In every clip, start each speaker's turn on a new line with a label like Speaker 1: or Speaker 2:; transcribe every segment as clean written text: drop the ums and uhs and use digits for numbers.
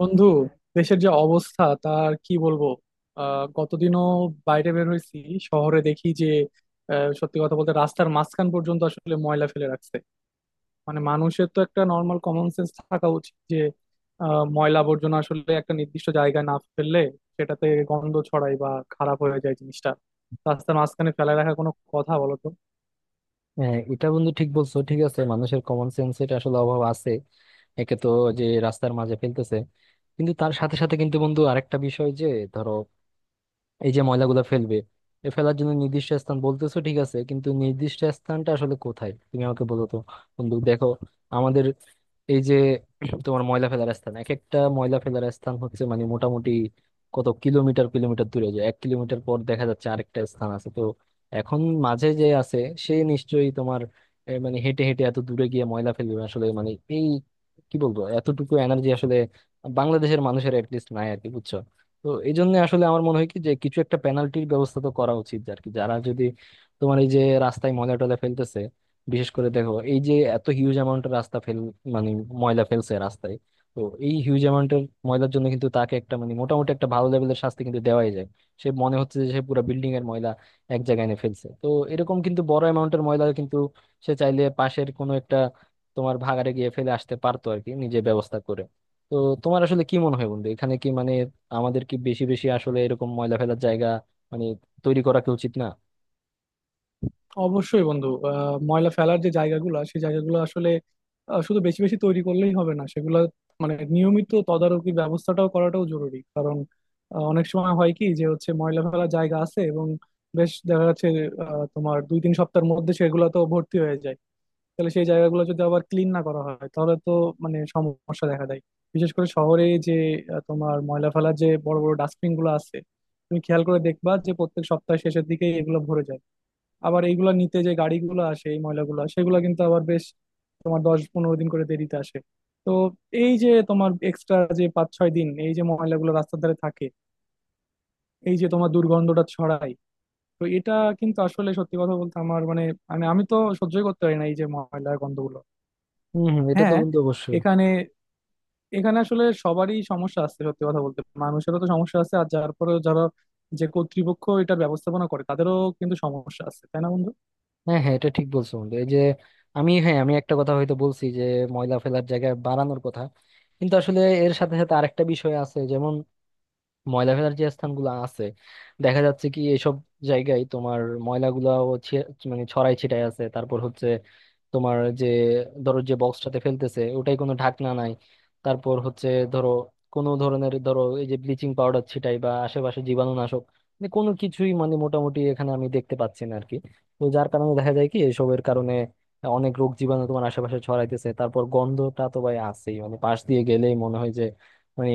Speaker 1: বন্ধু, দেশের যে অবস্থা তার কি বলবো। গতদিনও বাইরে বের হয়েছি, শহরে দেখি যে সত্যি কথা বলতে রাস্তার মাঝখান পর্যন্ত আসলে ময়লা ফেলে রাখছে। মানে মানুষের তো একটা নর্মাল কমন সেন্স থাকা উচিত যে ময়লা আবর্জনা আসলে একটা নির্দিষ্ট জায়গায় না ফেললে সেটাতে গন্ধ ছড়ায় বা খারাপ হয়ে যায় জিনিসটা। রাস্তার মাঝখানে ফেলে রাখা কোনো কথা? বলো তো।
Speaker 2: হ্যাঁ, এটা বন্ধু ঠিক বলছো, ঠিক আছে, মানুষের কমন সেন্স এটা আসলে অভাব আছে। একে তো যে রাস্তার মাঝে ফেলতেছে, কিন্তু তার সাথে সাথে কিন্তু বন্ধু আরেকটা বিষয় যে ধরো, এই যে ময়লাগুলো ফেলবে, এ ফেলার জন্য নির্দিষ্ট স্থান বলতেছো ঠিক আছে, কিন্তু নির্দিষ্ট স্থানটা আসলে কোথায় তুমি আমাকে বলো তো। বন্ধু দেখো, আমাদের এই যে তোমার ময়লা ফেলার স্থান, এক একটা ময়লা ফেলার স্থান হচ্ছে মানে মোটামুটি কত কিলোমিটার কিলোমিটার দূরে যায়, 1 কিলোমিটার পর দেখা যাচ্ছে আরেকটা স্থান আছে। তো এখন মাঝে যে আছে সে নিশ্চয়ই তোমার মানে হেঁটে হেঁটে এত দূরে গিয়ে ময়লা ফেলবে আসলে, মানে এই কি বলবো এতটুকু এনার্জি আসলে বাংলাদেশের মানুষের অ্যাটলিস্ট নাই আর কি, বুঝছো? তো এই জন্য আসলে আমার মনে হয় কি, যে কিছু একটা পেনাল্টির ব্যবস্থা তো করা উচিত আর কি, যারা যদি তোমার এই যে রাস্তায় ময়লা টয়লা ফেলতেছে, বিশেষ করে দেখো এই যে এত হিউজ অ্যামাউন্টের রাস্তা ফেল, মানে ময়লা ফেলছে রাস্তায়, তো এই হিউজ অ্যামাউন্টের ময়লার জন্য কিন্তু তাকে একটা মানে মোটামুটি একটা ভালো লেভেলের শাস্তি কিন্তু দেওয়াই যায়। সে মনে হচ্ছে যে সে পুরো বিল্ডিং এর ময়লা এক জায়গায় এনে ফেলছে, তো এরকম কিন্তু বড় অ্যামাউন্টের ময়লা কিন্তু সে চাইলে পাশের কোনো একটা তোমার ভাগাড়ে গিয়ে ফেলে আসতে পারতো আর কি, নিজে ব্যবস্থা করে। তো তোমার আসলে কি মনে হয় বন্ধু, এখানে কি মানে আমাদের কি বেশি বেশি আসলে এরকম ময়লা ফেলার জায়গা মানে তৈরি করা কি উচিত না?
Speaker 1: অবশ্যই বন্ধু, ময়লা ফেলার যে জায়গাগুলো, সেই জায়গাগুলো আসলে শুধু বেশি বেশি তৈরি করলেই হবে না, সেগুলো মানে নিয়মিত তদারকি ব্যবস্থাটাও করাটাও জরুরি। কারণ অনেক সময় হয় কি, যে হচ্ছে ময়লা ফেলার জায়গা আছে এবং বেশ দেখা যাচ্ছে তোমার 2-3 সপ্তাহের মধ্যে সেগুলো তো ভর্তি হয়ে যায়। তাহলে সেই জায়গাগুলো যদি আবার ক্লিন না করা হয়, তাহলে তো মানে সমস্যা দেখা দেয়। বিশেষ করে শহরে যে তোমার ময়লা ফেলার যে বড় বড় ডাস্টবিন গুলো আছে, তুমি খেয়াল করে দেখবা যে প্রত্যেক সপ্তাহ শেষের দিকে এগুলো ভরে যায়। আবার এইগুলা নিতে যে গাড়িগুলো আসে এই ময়লাগুলো, সেগুলো কিন্তু আবার বেশ তোমার 10-15 দিন করে দেরিতে আসে। তো এই যে তোমার এক্সট্রা যে 5-6 দিন এই যে ময়লাগুলো রাস্তার ধারে থাকে, এই যে তোমার দুর্গন্ধটা ছড়ায়, তো এটা কিন্তু আসলে সত্যি কথা বলতে আমার মানে মানে আমি তো সহ্যই করতে পারি না এই যে ময়লার গন্ধগুলো।
Speaker 2: হম হম, এটা তো
Speaker 1: হ্যাঁ,
Speaker 2: বন্ধু অবশ্যই।
Speaker 1: এখানে এখানে আসলে সবারই সমস্যা আছে, সত্যি কথা বলতে মানুষেরও তো সমস্যা আছে আর যার পরে, যারা যে কর্তৃপক্ষ এটার ব্যবস্থাপনা করে, তাদেরও কিন্তু সমস্যা আছে, তাই না বন্ধু?
Speaker 2: হ্যাঁ হ্যাঁ, এটা ঠিক বলছো বন্ধু, এই যে আমি হ্যাঁ আমি একটা কথা হয়তো বলছি যে ময়লা ফেলার জায়গা বাড়ানোর কথা, কিন্তু আসলে এর সাথে সাথে আরেকটা বিষয় আছে যেমন ময়লা ফেলার যে স্থানগুলো আছে দেখা যাচ্ছে কি এসব জায়গায় তোমার ময়লাগুলাও মানে ছড়াই ছিটাই আছে, তারপর হচ্ছে তোমার যে, ধরো যে বক্সটাতে ফেলতেছে ওটাই কোনো ঢাকনা নাই, তারপর হচ্ছে ধরো কোনো ধরনের ধরো এই যে ব্লিচিং পাউডার ছিটাই বা আশেপাশে জীবাণুনাশক মানে কোনো কিছুই মানে মোটামুটি এখানে আমি দেখতে পাচ্ছি না আর কি। তো যার কারণে দেখা যায় কি এসবের কারণে অনেক রোগ জীবাণু তোমার আশেপাশে ছড়াইতেছে, তারপর গন্ধটা তো ভাই আছেই, মানে পাশ দিয়ে গেলেই মনে হয় যে মানে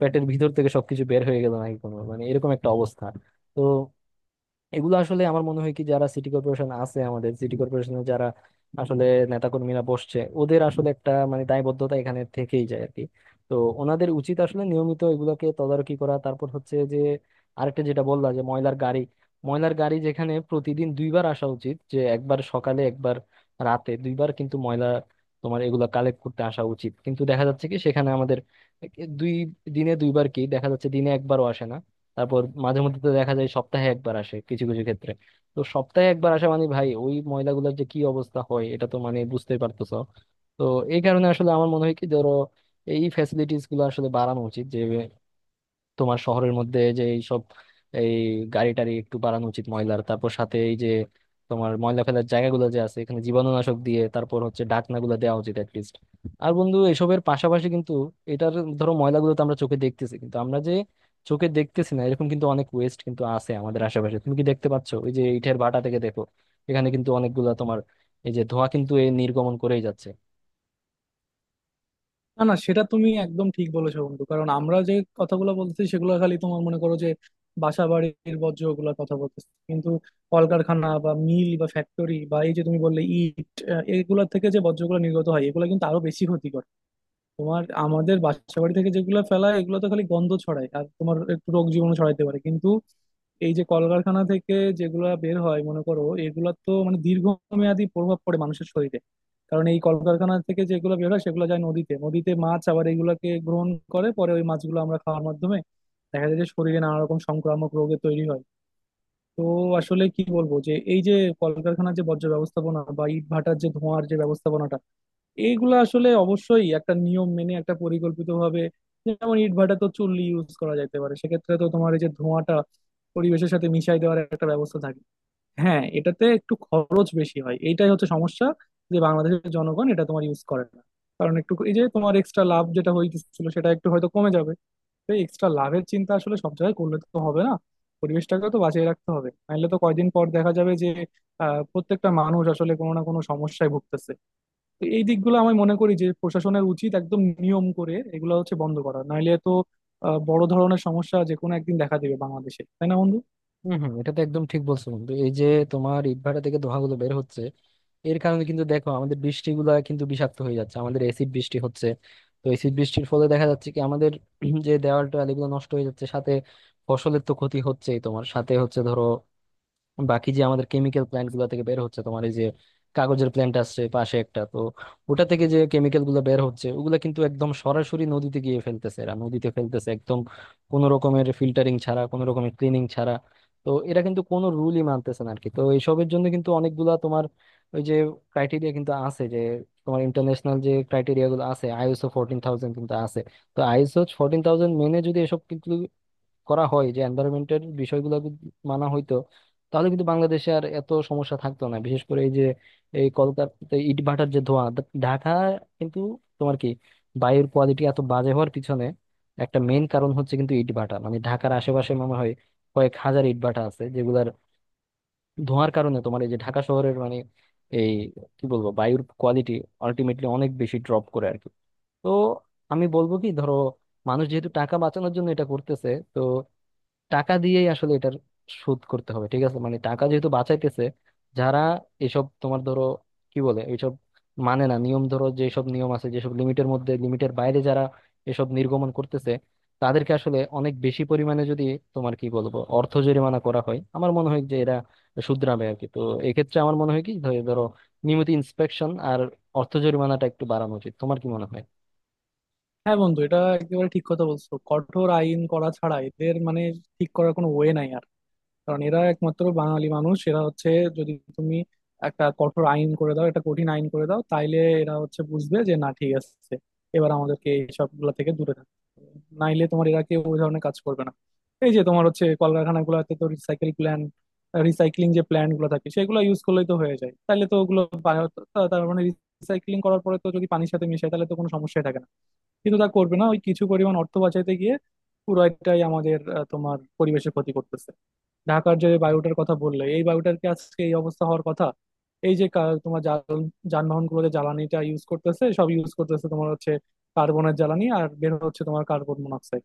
Speaker 2: পেটের ভিতর থেকে সবকিছু বের হয়ে গেল নাকি, কোনো মানে এরকম একটা অবস্থা। তো এগুলো আসলে আমার মনে হয় কি যারা সিটি কর্পোরেশন আছে, আমাদের সিটি কর্পোরেশনে যারা আসলে নেতাকর্মীরা বসছে, ওদের আসলে একটা মানে দায়বদ্ধতা এখানে থেকেই যায় আর কি। তো ওনাদের উচিত আসলে নিয়মিত এগুলোকে তদারকি করা, তারপর হচ্ছে যে আরেকটা যেটা বললাম যে ময়লার গাড়ি, ময়লার গাড়ি যেখানে প্রতিদিন দুইবার আসা উচিত, যে একবার সকালে একবার রাতে, দুইবার কিন্তু ময়লা তোমার এগুলা কালেক্ট করতে আসা উচিত, কিন্তু দেখা যাচ্ছে কি সেখানে আমাদের দুই দিনে দুইবার কি দেখা যাচ্ছে, দিনে একবারও আসে না। তারপর মাঝে মধ্যে তো দেখা যায় সপ্তাহে একবার আসে কিছু কিছু ক্ষেত্রে, তো সপ্তাহে একবার আসা মানে ভাই ওই ময়লাগুলোর যে কি অবস্থা হয় এটা তো মানে বুঝতেই পারতেছো। তো এই কারণে আসলে আমার মনে হয় কি, ধরো এই ফ্যাসিলিটিস গুলো আসলে বাড়ানো উচিত, যে তোমার শহরের মধ্যে যে এইসব এই গাড়ি টাড়ি একটু বাড়ানো উচিত ময়লার, তারপর সাথে এই যে তোমার ময়লা ফেলার জায়গাগুলো যে আছে এখানে জীবাণুনাশক দিয়ে, তারপর হচ্ছে ঢাকনাগুলো দেওয়া উচিত অ্যাটলিস্ট। আর বন্ধু এসবের পাশাপাশি কিন্তু এটার ধরো ময়লাগুলো তো আমরা চোখে দেখতেছি, কিন্তু আমরা যে চোখে দেখতেছি না এরকম কিন্তু অনেক ওয়েস্ট কিন্তু আছে আমাদের আশেপাশে, তুমি কি দেখতে পাচ্ছ ওই যে ইটের ভাটা থেকে দেখো এখানে কিন্তু অনেকগুলা তোমার এই যে ধোঁয়া কিন্তু এই নির্গমন করেই যাচ্ছে।
Speaker 1: না, না, সেটা তুমি একদম ঠিক বলেছো বন্ধু। কারণ আমরা যে কথাগুলো বলতেছি সেগুলো খালি তোমার মনে করো যে বাসা বাড়ির বর্জ্য, ওগুলোর কথা বলতেছি। কিন্তু কলকারখানা বা মিল বা ফ্যাক্টরি বা এই যে তুমি বললে ইট, এগুলোর থেকে যে বর্জ্যগুলো নির্গত হয় এগুলো কিন্তু আরো বেশি ক্ষতি। তোমার আমাদের বাসা বাড়ি থেকে যেগুলো ফেলায় এগুলো তো খালি গন্ধ ছড়ায় আর তোমার একটু রোগ জীবাণু ছড়াইতে পারে, কিন্তু এই যে কলকারখানা থেকে যেগুলা বের হয় মনে করো, এগুলা তো মানে দীর্ঘমেয়াদী প্রভাব পড়ে মানুষের শরীরে। কারণ এই কলকারখানা থেকে যেগুলো বের হয় সেগুলো যায় নদীতে, নদীতে মাছ আবার এগুলাকে গ্রহণ করে, পরে ওই মাছগুলো আমরা খাওয়ার মাধ্যমে দেখা যায় যে শরীরে নানা রকম সংক্রামক রোগে তৈরি হয়। তো আসলে কি বলবো যে এই যে কলকারখানার যে বর্জ্য ব্যবস্থাপনা বা ইট ভাটার যে ধোঁয়ার যে ব্যবস্থাপনাটা, এইগুলো আসলে অবশ্যই একটা নিয়ম মেনে একটা পরিকল্পিত ভাবে, যেমন ইটভাটা তো চুল্লি ইউজ করা যেতে পারে, সেক্ষেত্রে তো তোমার এই যে ধোঁয়াটা পরিবেশের সাথে মিশাই দেওয়ার একটা ব্যবস্থা থাকে। হ্যাঁ, এটাতে একটু খরচ বেশি হয়, এইটাই হচ্ছে সমস্যা, যে বাংলাদেশের জনগণ এটা তোমার ইউজ করে না। কারণ একটু এই যে তোমার এক্সট্রা লাভ যেটা হইতেছিল সেটা একটু হয়তো কমে যাবে। তো এক্সট্রা লাভের চিন্তা আসলে সব জায়গায় করলে তো হবে না, পরিবেশটাকে তো বাঁচিয়ে রাখতে হবে। নাহলে তো কয়দিন পর দেখা যাবে যে প্রত্যেকটা মানুষ আসলে কোনো না কোনো সমস্যায় ভুগতেছে। তো এই দিকগুলো আমি মনে করি যে প্রশাসনের উচিত একদম নিয়ম করে এগুলো হচ্ছে বন্ধ করা, নাইলে তো বড় ধরনের সমস্যা যে কোনো একদিন দেখা দিবে বাংলাদেশে, তাই না বন্ধু?
Speaker 2: হম হম, এটা তো একদম ঠিক বলছো বন্ধু, এই যে তোমার ইটভাটা থেকে ধোঁয়াগুলো বের হচ্ছে এর কারণে কিন্তু দেখো আমাদের বৃষ্টিগুলা কিন্তু বিষাক্ত হয়ে যাচ্ছে, আমাদের এসিড বৃষ্টি হচ্ছে। তো এসিড বৃষ্টির ফলে দেখা যাচ্ছে কি আমাদের যে দেওয়াল টোয়াল এগুলো নষ্ট হয়ে যাচ্ছে, সাথে ফসলের তো ক্ষতি হচ্ছেই, তোমার সাথে হচ্ছে ধরো বাকি যে আমাদের কেমিক্যাল প্ল্যান্ট গুলো থেকে বের হচ্ছে, তোমার এই যে কাগজের প্ল্যান্ট আছে পাশে একটা, তো ওটা থেকে যে কেমিক্যাল গুলো বের হচ্ছে ওগুলা কিন্তু একদম সরাসরি নদীতে গিয়ে ফেলতেছে, এরা নদীতে ফেলতেছে একদম কোনো রকমের ফিল্টারিং ছাড়া, কোনো রকমের ক্লিনিং ছাড়া। তো এরা কিন্তু কোনো রুলই মানতেছে না আর কি। তো এইসবের জন্য কিন্তু অনেকগুলা তোমার ওই যে ক্রাইটেরিয়া কিন্তু আছে, যে তোমার ইন্টারন্যাশনাল যে ক্রাইটেরিয়া গুলো আছে ISO 14000 কিন্তু আছে, তো ISO 14000 মেনে যদি এসব করা হয়, যে এনভায়রনমেন্টের বিষয়গুলো যদি মানা হইতো, তাহলে কিন্তু বাংলাদেশে আর এত সমস্যা থাকতো না। বিশেষ করে এই যে এই কলকাতা ইটভাটার যে ধোঁয়া ঢাকা কিন্তু তোমার কি বায়ুর কোয়ালিটি এত বাজে হওয়ার পিছনে একটা মেইন কারণ হচ্ছে কিন্তু ইটভাটা, মানে ঢাকার আশেপাশে মনে হয় কয়েক হাজার ইটভাটা আছে যেগুলার ধোঁয়ার কারণে তোমার এই যে ঢাকা শহরের মানে এই কি বলবো বায়ুর কোয়ালিটি আলটিমেটলি অনেক বেশি ড্রপ করে আর কি। তো আমি বলবো কি ধরো, মানুষ যেহেতু টাকা বাঁচানোর জন্য এটা করতেছে, তো টাকা দিয়েই আসলে এটার শোধ করতে হবে, ঠিক আছে মানে টাকা যেহেতু বাঁচাইতেছে, যারা এসব তোমার ধরো কি বলে এইসব মানে না নিয়ম ধরো যেসব নিয়ম আছে যেসব লিমিটের মধ্যে, লিমিটের বাইরে যারা এসব নির্গমন করতেছে, তাদেরকে আসলে অনেক বেশি পরিমাণে যদি তোমার কি বলবো অর্থ জরিমানা করা হয়, আমার মনে হয় যে এরা শুধরাবে আর কি। তো এক্ষেত্রে আমার মনে হয় কি ধরো নিয়মিত ইন্সপেকশন আর অর্থ জরিমানাটা একটু বাড়ানো উচিত, তোমার কি মনে হয়?
Speaker 1: হ্যাঁ বন্ধু, এটা একেবারে ঠিক কথা বলছো। কঠোর আইন করা ছাড়া এদের মানে ঠিক করার কোনো ওয়ে নাই। কারণ এরা একমাত্র বাঙালি মানুষ, এরা হচ্ছে যদি তুমি একটা কঠোর আইন করে দাও, একটা কঠিন আইন করে দাও, তাইলে এরা হচ্ছে বুঝবে যে না, ঠিক আছে, এবার আমাদেরকে এইসব গুলা থেকে দূরে থাকতে হবে। নাইলে তোমার এরা কেউ ওই ধরনের কাজ করবে না। এই যে তোমার হচ্ছে কলকারখানা গুলাতে তো রিসাইকেল প্ল্যান, রিসাইক্লিং যে প্ল্যান গুলো থাকে সেগুলো ইউজ করলেই তো হয়ে যায়, তাহলে তো ওগুলো তার মানে রিসাইক্লিং করার পরে তো যদি পানির সাথে মিশায় তাহলে তো কোনো সমস্যাই থাকে না। কিন্তু তা করবে না, ওই কিছু পরিমাণ অর্থ বাঁচাইতে গিয়ে পুরোটাই আমাদের তোমার পরিবেশের ক্ষতি করতেছে। ঢাকার যে বায়ুটার কথা বললে, এই বায়ুটার কি আজকে এই অবস্থা হওয়ার কথা? এই যে তোমার যানবাহন গুলো যে জ্বালানিটা ইউজ করতেছে, সব ইউজ করতেছে তোমার হচ্ছে কার্বনের জ্বালানি, আর বের হচ্ছে তোমার কার্বন মনোক্সাইড।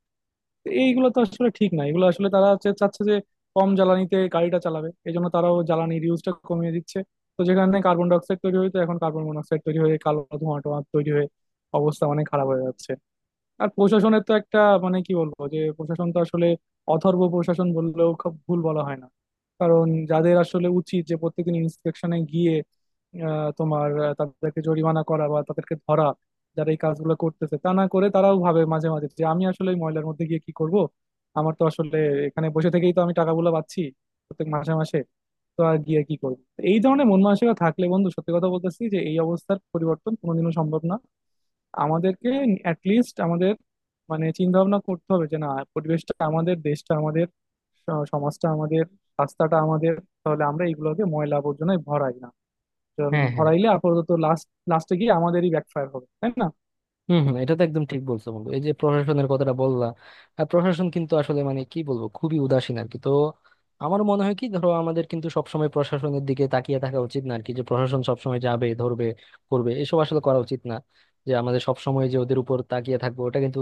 Speaker 1: এইগুলো তো আসলে ঠিক না, এগুলো আসলে তারা হচ্ছে চাচ্ছে যে কম জ্বালানিতে গাড়িটা চালাবে, এই জন্য তারাও জ্বালানির ইউজটা কমিয়ে দিচ্ছে। তো যেখানে কার্বন ডাই অক্সাইড তৈরি হয়ে, তো এখন কার্বন মনোক্সাইড তৈরি হয়ে কালো ধোঁয়া টোয়া তৈরি হয়ে অবস্থা অনেক খারাপ হয়ে যাচ্ছে। আর প্রশাসনের তো একটা মানে কি বলবো, যে প্রশাসন তো আসলে অথর্ব প্রশাসন বললেও খুব ভুল বলা হয় না। কারণ যাদের আসলে উচিত যে প্রত্যেকদিন ইন্সপেকশনে গিয়ে তোমার তাদেরকে জরিমানা করা বা তাদেরকে ধরা যারা এই কাজগুলো করতেছে, তা না করে তারাও ভাবে মাঝে মাঝে যে আমি আসলে এই ময়লার মধ্যে গিয়ে কি করব, আমার তো আসলে এখানে বসে থেকেই তো আমি টাকাগুলো পাচ্ছি প্রত্যেক মাসে মাসে, তো আর গিয়ে কি করবো। তো এই ধরনের মন মানসিকতা থাকলে বন্ধু, সত্যি কথা বলতেছি যে এই অবস্থার পরিবর্তন কোনোদিনও সম্ভব না। আমাদেরকে অ্যাটলিস্ট আমাদের মানে চিন্তা ভাবনা করতে হবে যে না, পরিবেশটা আমাদের, দেশটা আমাদের, সমাজটা আমাদের, রাস্তাটা আমাদের, তাহলে আমরা এইগুলোকে ময়লা আবর্জনায় ভরাই না। কারণ
Speaker 2: হ্যাঁ হ্যাঁ,
Speaker 1: ভরাইলে আপাতত লাস্ট লাস্টে গিয়ে আমাদেরই ব্যাকফায়ার হবে, তাই না?
Speaker 2: হম হম, এটা তো একদম ঠিক বলছো বন্ধু, এই যে প্রশাসনের কথাটা বললা, প্রশাসন কিন্তু আসলে মানে কি বলবো খুবই উদাসীন আর কি। তো আমার মনে হয় কি ধরো আমাদের কিন্তু সবসময় প্রশাসনের দিকে তাকিয়ে থাকা উচিত না আর কি, যে প্রশাসন সবসময় যাবে ধরবে করবে, এসব আসলে করা উচিত না, যে আমাদের সবসময় যে ওদের উপর তাকিয়ে থাকবো ওটা কিন্তু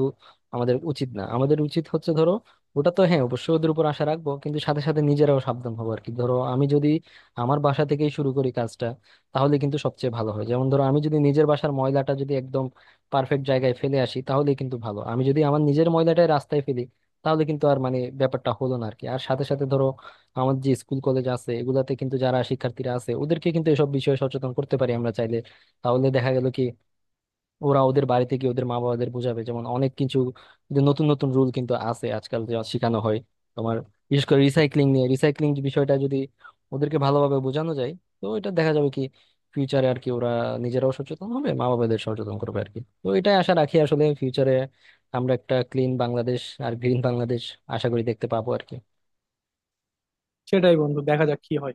Speaker 2: আমাদের উচিত না, আমাদের উচিত হচ্ছে ধরো ওটা তো হ্যাঁ অবশ্যই ওদের উপর আশা রাখবো কিন্তু সাথে সাথে নিজেরাও সাবধান হবো আর কি, ধরো আমি যদি আমার বাসা থেকেই শুরু করি কাজটা, তাহলে কিন্তু সবচেয়ে ভালো হয়। যেমন ধরো আমি যদি নিজের বাসার ময়লাটা যদি একদম পারফেক্ট জায়গায় ফেলে আসি তাহলেই কিন্তু ভালো, আমি যদি আমার নিজের ময়লাটাই রাস্তায় ফেলি তাহলে কিন্তু আর মানে ব্যাপারটা হলো না আর কি। আর সাথে সাথে ধরো আমার যে স্কুল কলেজ আছে এগুলাতে কিন্তু যারা শিক্ষার্থীরা আছে ওদেরকে কিন্তু এসব বিষয়ে সচেতন করতে পারি আমরা চাইলে, তাহলে দেখা গেল কি ওরা ওদের বাড়িতে গিয়ে ওদের মা বাবাদের বোঝাবে, যেমন অনেক কিছু যে নতুন নতুন রুল কিন্তু আছে আজকাল যা শেখানো হয় তোমার, বিশেষ করে রিসাইক্লিং নিয়ে, রিসাইক্লিং বিষয়টা যদি ওদেরকে ভালোভাবে বোঝানো যায়, তো এটা দেখা যাবে কি ফিউচারে আর কি ওরা নিজেরাও সচেতন হবে, মা বাবাদের সচেতন করবে আর কি। তো এটাই আশা রাখি আসলে ফিউচারে আমরা একটা ক্লিন বাংলাদেশ আর গ্রিন বাংলাদেশ আশা করি দেখতে পাবো আর কি।
Speaker 1: সেটাই বন্ধু, দেখা যাক কি হয়।